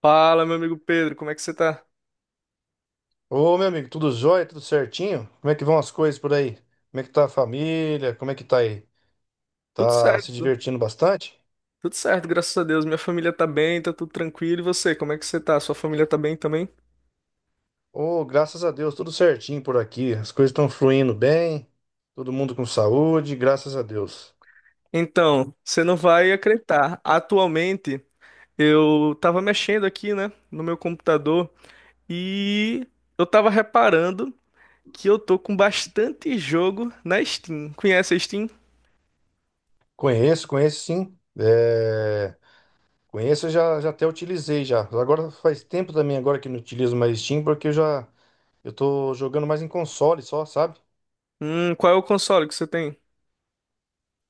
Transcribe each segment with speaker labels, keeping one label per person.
Speaker 1: Fala, meu amigo Pedro, como é que você tá?
Speaker 2: Ô, meu amigo, tudo jóia? Tudo certinho? Como é que vão as coisas por aí? Como é que tá a família? Como é que tá aí?
Speaker 1: Tudo
Speaker 2: Tá se
Speaker 1: certo,
Speaker 2: divertindo bastante?
Speaker 1: tudo certo, graças a Deus. Minha família tá bem, tá tudo tranquilo. E você, como é que você tá? Sua família tá bem também?
Speaker 2: Ô, graças a Deus, tudo certinho por aqui. As coisas estão fluindo bem, todo mundo com saúde, graças a Deus.
Speaker 1: Então, você não vai acreditar. Atualmente, eu tava mexendo aqui, né, no meu computador e eu tava reparando que eu tô com bastante jogo na Steam. Conhece a Steam?
Speaker 2: Conheço, conheço sim. É... Conheço, já até utilizei já. Agora faz tempo também agora que não utilizo mais Steam, porque eu tô jogando mais em console só, sabe?
Speaker 1: Qual é o console que você tem?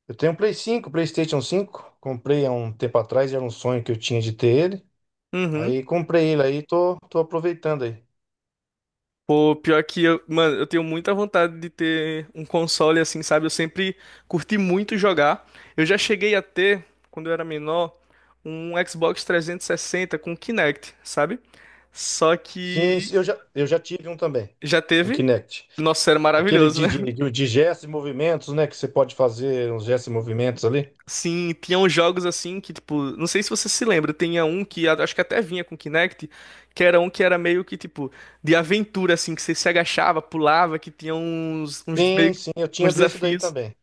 Speaker 2: Eu tenho um Play 5, PlayStation 5. Comprei há um tempo atrás, era um sonho que eu tinha de ter ele.
Speaker 1: Uhum.
Speaker 2: Aí comprei ele aí, tô aproveitando aí.
Speaker 1: Pô, pior que eu, mano, eu tenho muita vontade de ter um console assim, sabe? Eu sempre curti muito jogar. Eu já cheguei a ter, quando eu era menor, um Xbox 360 com Kinect, sabe? Só
Speaker 2: Sim,
Speaker 1: que
Speaker 2: sim, eu já tive um também,
Speaker 1: já
Speaker 2: um
Speaker 1: teve.
Speaker 2: Kinect.
Speaker 1: Nossa, era
Speaker 2: Aquele
Speaker 1: maravilhoso,
Speaker 2: de,
Speaker 1: né?
Speaker 2: de, de, de gestos e movimentos, né? Que você pode fazer uns gestos e movimentos ali.
Speaker 1: Sim, tinham jogos assim que, tipo, não sei se você se lembra, tinha um que acho que até vinha com Kinect, que era um que era meio que, tipo, de aventura, assim, que você se agachava, pulava, que tinha uns, meio
Speaker 2: Sim,
Speaker 1: que
Speaker 2: sim, eu tinha
Speaker 1: uns
Speaker 2: desse daí
Speaker 1: desafios.
Speaker 2: também.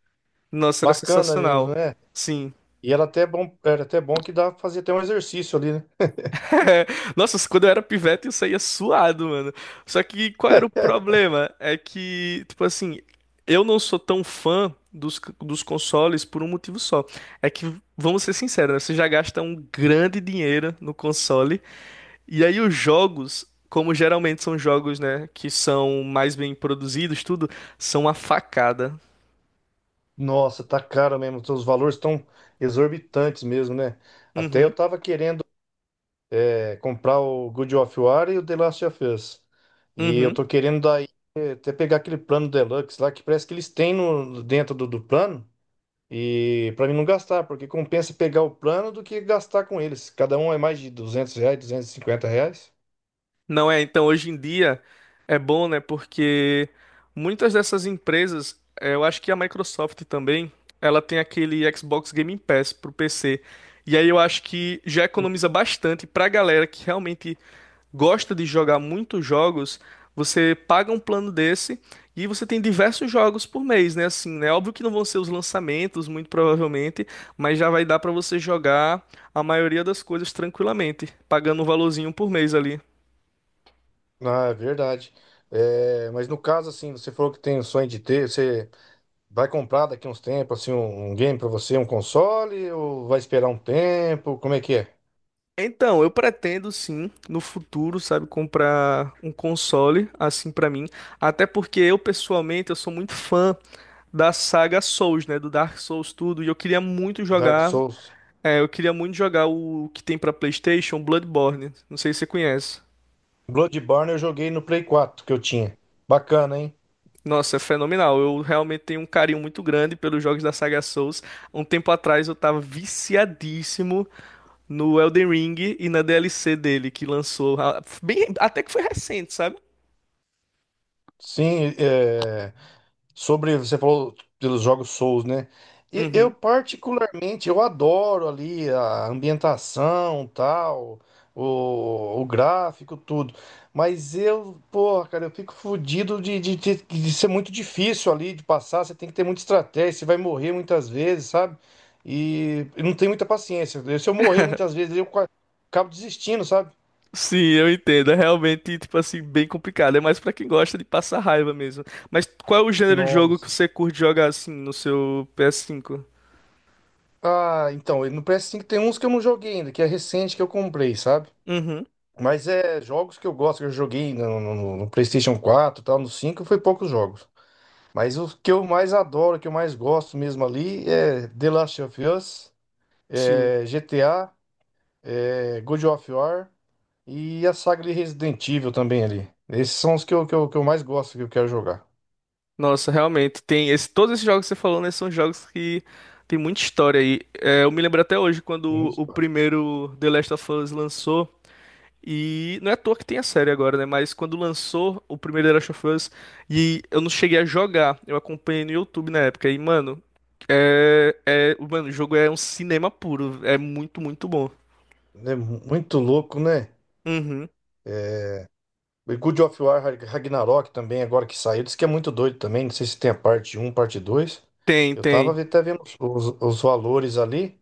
Speaker 1: Nossa, era
Speaker 2: Bacana mesmo,
Speaker 1: sensacional.
Speaker 2: né?
Speaker 1: Sim.
Speaker 2: E era até bom que dá pra fazer até um exercício ali, né?
Speaker 1: Nossa, quando eu era pivete eu saía suado, mano. Só que qual era o problema? É que, tipo assim, eu não sou tão fã dos consoles por um motivo só. É que, vamos ser sinceros, né? Você já gasta um grande dinheiro no console. E aí os jogos, como geralmente são jogos, né, que são mais bem produzidos, tudo, são uma facada.
Speaker 2: Nossa, tá caro mesmo, os valores estão exorbitantes mesmo, né? Até
Speaker 1: Uhum.
Speaker 2: eu tava querendo comprar o God of War e o The Last of Us. E eu
Speaker 1: Uhum.
Speaker 2: tô querendo dar até pegar aquele plano deluxe lá, que parece que eles têm no, dentro do plano, e pra mim não gastar, porque compensa pegar o plano do que gastar com eles. Cada um é mais de 200 reais, 250 reais.
Speaker 1: Não é, então hoje em dia é bom, né? Porque muitas dessas empresas, eu acho que a Microsoft também, ela tem aquele Xbox Game Pass pro PC. E aí eu acho que já economiza bastante pra galera que realmente gosta de jogar muitos jogos. Você paga um plano desse e você tem diversos jogos por mês, né? Assim, né? Óbvio que não vão ser os lançamentos, muito provavelmente, mas já vai dar pra você jogar a maioria das coisas tranquilamente, pagando um valorzinho por mês ali.
Speaker 2: Ah, é verdade. É, mas no caso, assim, você falou que tem o sonho de ter, você vai comprar daqui uns tempos, assim, um game pra você, um console, ou vai esperar um tempo? Como é que é?
Speaker 1: Então, eu pretendo sim, no futuro, sabe, comprar um console assim pra mim, até porque eu pessoalmente eu sou muito fã da saga Souls, né, do Dark Souls tudo, e eu queria muito
Speaker 2: Dark
Speaker 1: jogar,
Speaker 2: Souls.
Speaker 1: eu queria muito jogar o que tem pra PlayStation, Bloodborne. Não sei se você conhece.
Speaker 2: Bloodborne eu joguei no Play 4 que eu tinha. Bacana, hein?
Speaker 1: Nossa, é fenomenal. Eu realmente tenho um carinho muito grande pelos jogos da saga Souls. Um tempo atrás eu tava viciadíssimo no Elden Ring e na DLC dele que lançou, ah, bem, até que foi recente, sabe?
Speaker 2: Sim, é... Sobre, você falou pelos jogos Souls, né? Eu
Speaker 1: Uhum.
Speaker 2: particularmente, eu adoro ali a ambientação, tal, o gráfico, tudo. Mas eu, porra, cara, eu fico fodido de ser muito difícil ali de passar. Você tem que ter muita estratégia, você vai morrer muitas vezes, sabe? E eu não tenho muita paciência. Se eu morrer muitas vezes, eu acabo desistindo, sabe?
Speaker 1: Sim, eu entendo. É realmente, tipo assim, bem complicado. É mais pra quem gosta de passar raiva mesmo. Mas qual é o gênero de jogo que
Speaker 2: Nossa.
Speaker 1: você curte jogar assim no seu PS5?
Speaker 2: Ah, então, e no PS5 tem uns que eu não joguei ainda, que é recente que eu comprei, sabe?
Speaker 1: Uhum,
Speaker 2: Mas é jogos que eu gosto, que eu joguei no PlayStation 4, e tal, no 5 foi poucos jogos. Mas o que eu mais adoro, que eu mais gosto mesmo ali é The Last of Us,
Speaker 1: sim.
Speaker 2: é GTA, é God of War e a saga de Resident Evil também ali. Esses são os que eu, que eu mais gosto, que eu quero jogar.
Speaker 1: Nossa, realmente. Tem esse, todos esses jogos que você falou, né, são jogos que tem muita história aí. É, eu me lembro até hoje
Speaker 2: Tem
Speaker 1: quando
Speaker 2: muitos-.
Speaker 1: o primeiro The Last of Us lançou. E não é à toa que tem a série agora, né? Mas quando lançou o primeiro The Last of Us e eu não cheguei a jogar, eu acompanhei no YouTube na época. E, mano, mano, o jogo é um cinema puro. É muito, muito bom.
Speaker 2: É muito louco, né?
Speaker 1: Uhum.
Speaker 2: O God of War Ragnarok também, agora que saiu, diz que é muito doido também. Não sei se tem a parte 1, parte 2.
Speaker 1: Tem,
Speaker 2: Eu tava
Speaker 1: tem.
Speaker 2: até vendo os valores ali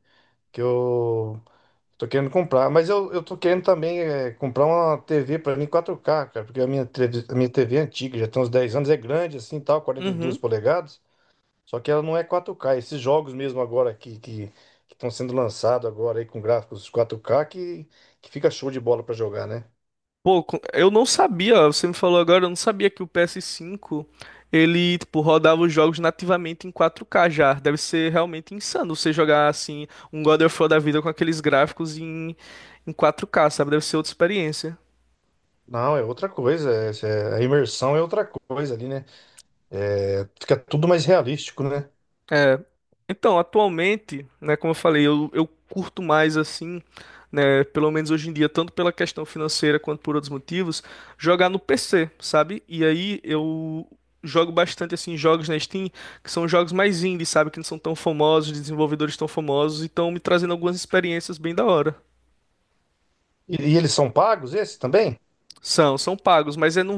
Speaker 2: que eu tô querendo comprar. Mas eu tô querendo também comprar uma TV pra mim 4K, cara, porque a minha TV é antiga, já tem uns 10 anos, é grande assim tal, 42
Speaker 1: Uhum.
Speaker 2: polegadas. Só que ela não é 4K. Esses jogos mesmo agora que estão sendo lançados agora aí com gráficos 4K que fica show de bola pra jogar, né?
Speaker 1: Pô, eu não sabia, ó, você me falou agora, eu não sabia que o PS5 ele, tipo, rodava os jogos nativamente em 4K já. Deve ser realmente insano você jogar assim um God of War da vida com aqueles gráficos em 4K, sabe? Deve ser outra experiência.
Speaker 2: Não, é outra coisa. A imersão é outra coisa ali, né? É, fica tudo mais realístico, né?
Speaker 1: É, então, atualmente, né, como eu falei, eu curto mais assim, né, pelo menos hoje em dia, tanto pela questão financeira quanto por outros motivos, jogar no PC, sabe? E aí eu jogo bastante assim jogos na Steam, que são jogos mais indie, sabe, que não são tão famosos, desenvolvedores tão famosos, e estão me trazendo algumas experiências bem da hora.
Speaker 2: E eles são pagos, esses também?
Speaker 1: São, são pagos, mas é num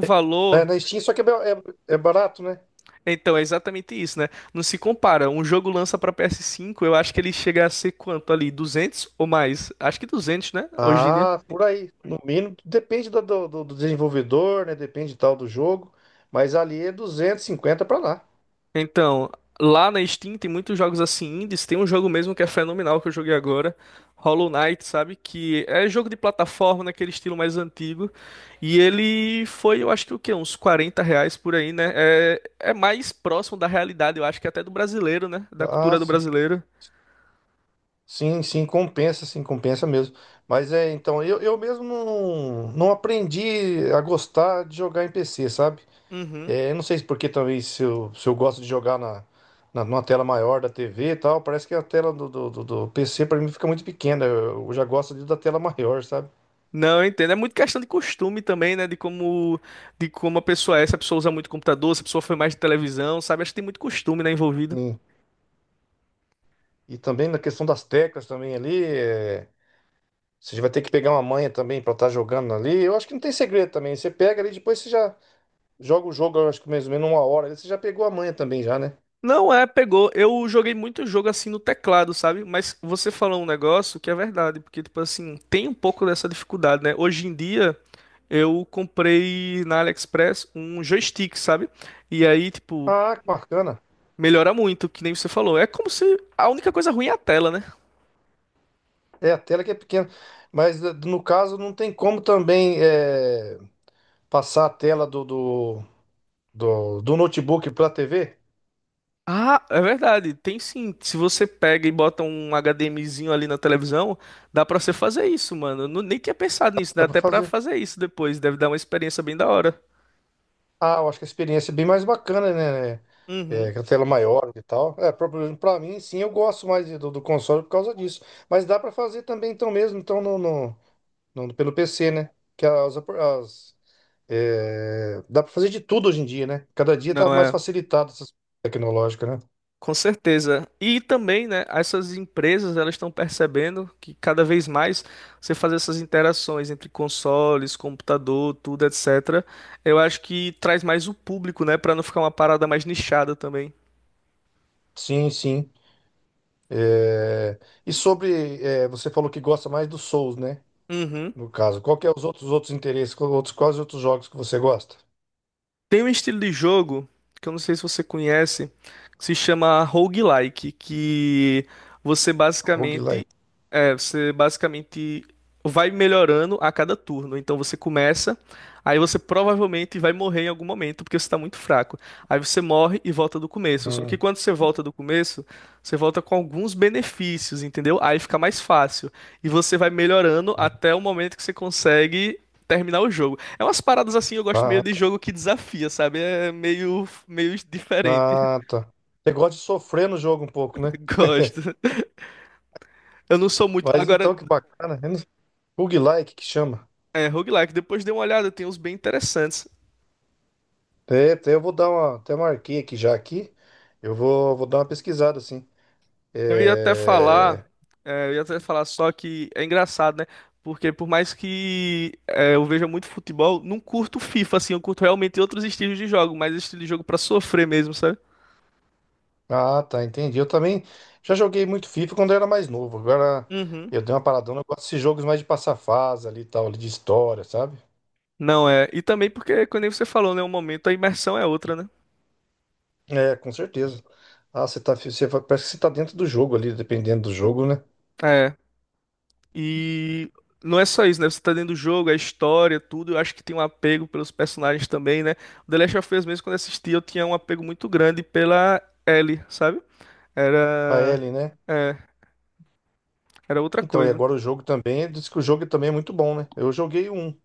Speaker 2: É,
Speaker 1: valor.
Speaker 2: na Steam, só que é barato, né?
Speaker 1: Então, é exatamente isso, né? Não se compara. Um jogo lança pra PS5, eu acho que ele chega a ser quanto ali? 200 ou mais? Acho que 200, né? Hoje em dia.
Speaker 2: Ah, por aí. No mínimo, depende do desenvolvedor, né? Depende tal do jogo. Mas ali é 250 para lá.
Speaker 1: Então, lá na Steam tem muitos jogos assim indies. Tem um jogo mesmo que é fenomenal que eu joguei agora, Hollow Knight, sabe? Que é jogo de plataforma naquele estilo mais antigo. E ele foi, eu acho que o quê? Uns R$ 40 por aí, né? É, é mais próximo da realidade, eu acho que até do brasileiro, né? Da
Speaker 2: Ah,
Speaker 1: cultura do
Speaker 2: sim.
Speaker 1: brasileiro.
Speaker 2: Sim, sim, compensa mesmo. Mas é, então, eu mesmo não aprendi a gostar de jogar em PC, sabe?
Speaker 1: Uhum.
Speaker 2: É, eu não sei se porque talvez se eu gosto de jogar numa tela maior da TV e tal, parece que a tela do PC pra mim fica muito pequena. Eu já gosto da tela maior, sabe?
Speaker 1: Não, eu entendo. É muito questão de costume também, né? De como a pessoa é, se a pessoa usa muito computador, se a pessoa foi mais de televisão, sabe? Acho que tem muito costume, né, envolvido.
Speaker 2: Sim. E também na questão das teclas também ali, você vai ter que pegar uma manha também pra estar jogando ali. Eu acho que não tem segredo também. Você pega ali, depois você já joga o jogo, eu acho que mais ou menos uma hora ali. Você já pegou a manha também já, né?
Speaker 1: Não é, pegou. Eu joguei muito jogo assim no teclado, sabe? Mas você falou um negócio que é verdade, porque, tipo assim, tem um pouco dessa dificuldade, né? Hoje em dia, eu comprei na AliExpress um joystick, sabe? E aí, tipo,
Speaker 2: Ah, que bacana.
Speaker 1: melhora muito, que nem você falou. É como se a única coisa ruim é a tela, né?
Speaker 2: É, a tela que é pequena. Mas no caso não tem como também passar a tela do notebook para TV,
Speaker 1: Ah, é verdade, tem sim. Se você pega e bota um HDMizinho ali na televisão, dá pra você fazer isso, mano. Eu nem tinha pensado nisso, dá
Speaker 2: dá para
Speaker 1: até pra
Speaker 2: fazer.
Speaker 1: fazer isso depois. Deve dar uma experiência bem da hora.
Speaker 2: Ah, eu acho que a experiência é bem mais bacana, né?
Speaker 1: Uhum.
Speaker 2: É, com a tela maior e tal. É, para mim, sim, eu gosto mais do console por causa disso. Mas dá para fazer também, então mesmo, então pelo PC, né? Que dá para fazer de tudo hoje em dia, né? Cada dia tá
Speaker 1: Não
Speaker 2: mais
Speaker 1: é,
Speaker 2: facilitado essa tecnológica, né?
Speaker 1: com certeza. E também, né, essas empresas, elas estão percebendo que cada vez mais você fazer essas interações entre consoles, computador, tudo, etc. Eu acho que traz mais o público, né, pra não ficar uma parada mais nichada também.
Speaker 2: Sim, sim. É, e sobre, você falou que gosta mais do Souls, né?
Speaker 1: Uhum.
Speaker 2: No caso, qual que é os outros interesses? Outros, quais outros jogos que você gosta?
Speaker 1: Tem um estilo de jogo que eu não sei se você conhece, que se chama roguelike, que você basicamente
Speaker 2: Roguelike.
Speaker 1: você basicamente vai melhorando a cada turno. Então você começa, aí você provavelmente vai morrer em algum momento porque você está muito fraco. Aí você morre e volta do começo. Só que
Speaker 2: Hum,
Speaker 1: quando você volta do começo, você volta com alguns benefícios, entendeu? Aí fica mais fácil e você vai melhorando
Speaker 2: ah,
Speaker 1: até o momento que você consegue terminar o jogo. É umas paradas assim, eu gosto meio
Speaker 2: tá.
Speaker 1: de jogo que desafia, sabe? É meio, meio diferente.
Speaker 2: Ah, tá. Você gosta de sofrer no jogo um pouco, né?
Speaker 1: Gosto. Eu não sou muito.
Speaker 2: Mas
Speaker 1: Agora,
Speaker 2: então, que bacana. Eu não-. Roguelike que chama.
Speaker 1: é, roguelike, depois dei uma olhada, tem uns bem interessantes.
Speaker 2: É, até eu vou dar uma. Até marquei aqui já aqui. Eu vou dar uma pesquisada, assim.
Speaker 1: Eu ia até falar,
Speaker 2: É...
Speaker 1: eu ia até falar só que é engraçado, né? Porque por mais que eu veja muito futebol, não curto FIFA, assim, eu curto realmente outros estilos de jogo, mas estilo de jogo pra sofrer mesmo, sabe?
Speaker 2: Ah, tá, entendi. Eu também já joguei muito FIFA quando eu era mais novo. Agora
Speaker 1: Uhum.
Speaker 2: eu dei uma paradona. Eu gosto desses jogos mais de passar fase ali e tal, ali de história, sabe?
Speaker 1: Não é. E também porque, como você falou, né? Um momento a imersão é outra, né?
Speaker 2: É, com certeza. Ah, você tá, você, fa- parece que você tá dentro do jogo ali, dependendo do jogo, né?
Speaker 1: É. E não é só isso, né? Você tá dentro do jogo, a história, tudo. Eu acho que tem um apego pelos personagens também, né? O The Last of Us mesmo, quando eu assisti, eu tinha um apego muito grande pela Ellie, sabe?
Speaker 2: A
Speaker 1: Era.
Speaker 2: Ellie, né?
Speaker 1: É, era outra
Speaker 2: Então, e
Speaker 1: coisa.
Speaker 2: agora o jogo também, diz que o jogo também é muito bom, né? Eu joguei um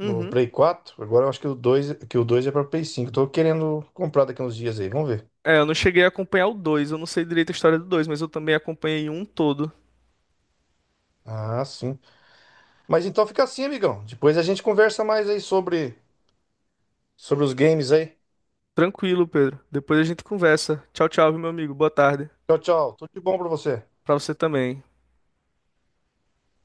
Speaker 2: no Play 4. Agora eu acho que o dois, é para Play 5. Tô querendo comprar daqui uns dias aí, vamos ver.
Speaker 1: É, eu não cheguei a acompanhar o dois, eu não sei direito a história do dois, mas eu também acompanhei um todo.
Speaker 2: Ah, sim. Mas então fica assim, amigão. Depois a gente conversa mais aí sobre os games aí.
Speaker 1: Tranquilo, Pedro. Depois a gente conversa. Tchau, tchau, viu, meu amigo. Boa tarde.
Speaker 2: Tchau, tchau. Tudo de bom pra você.
Speaker 1: Pra você também.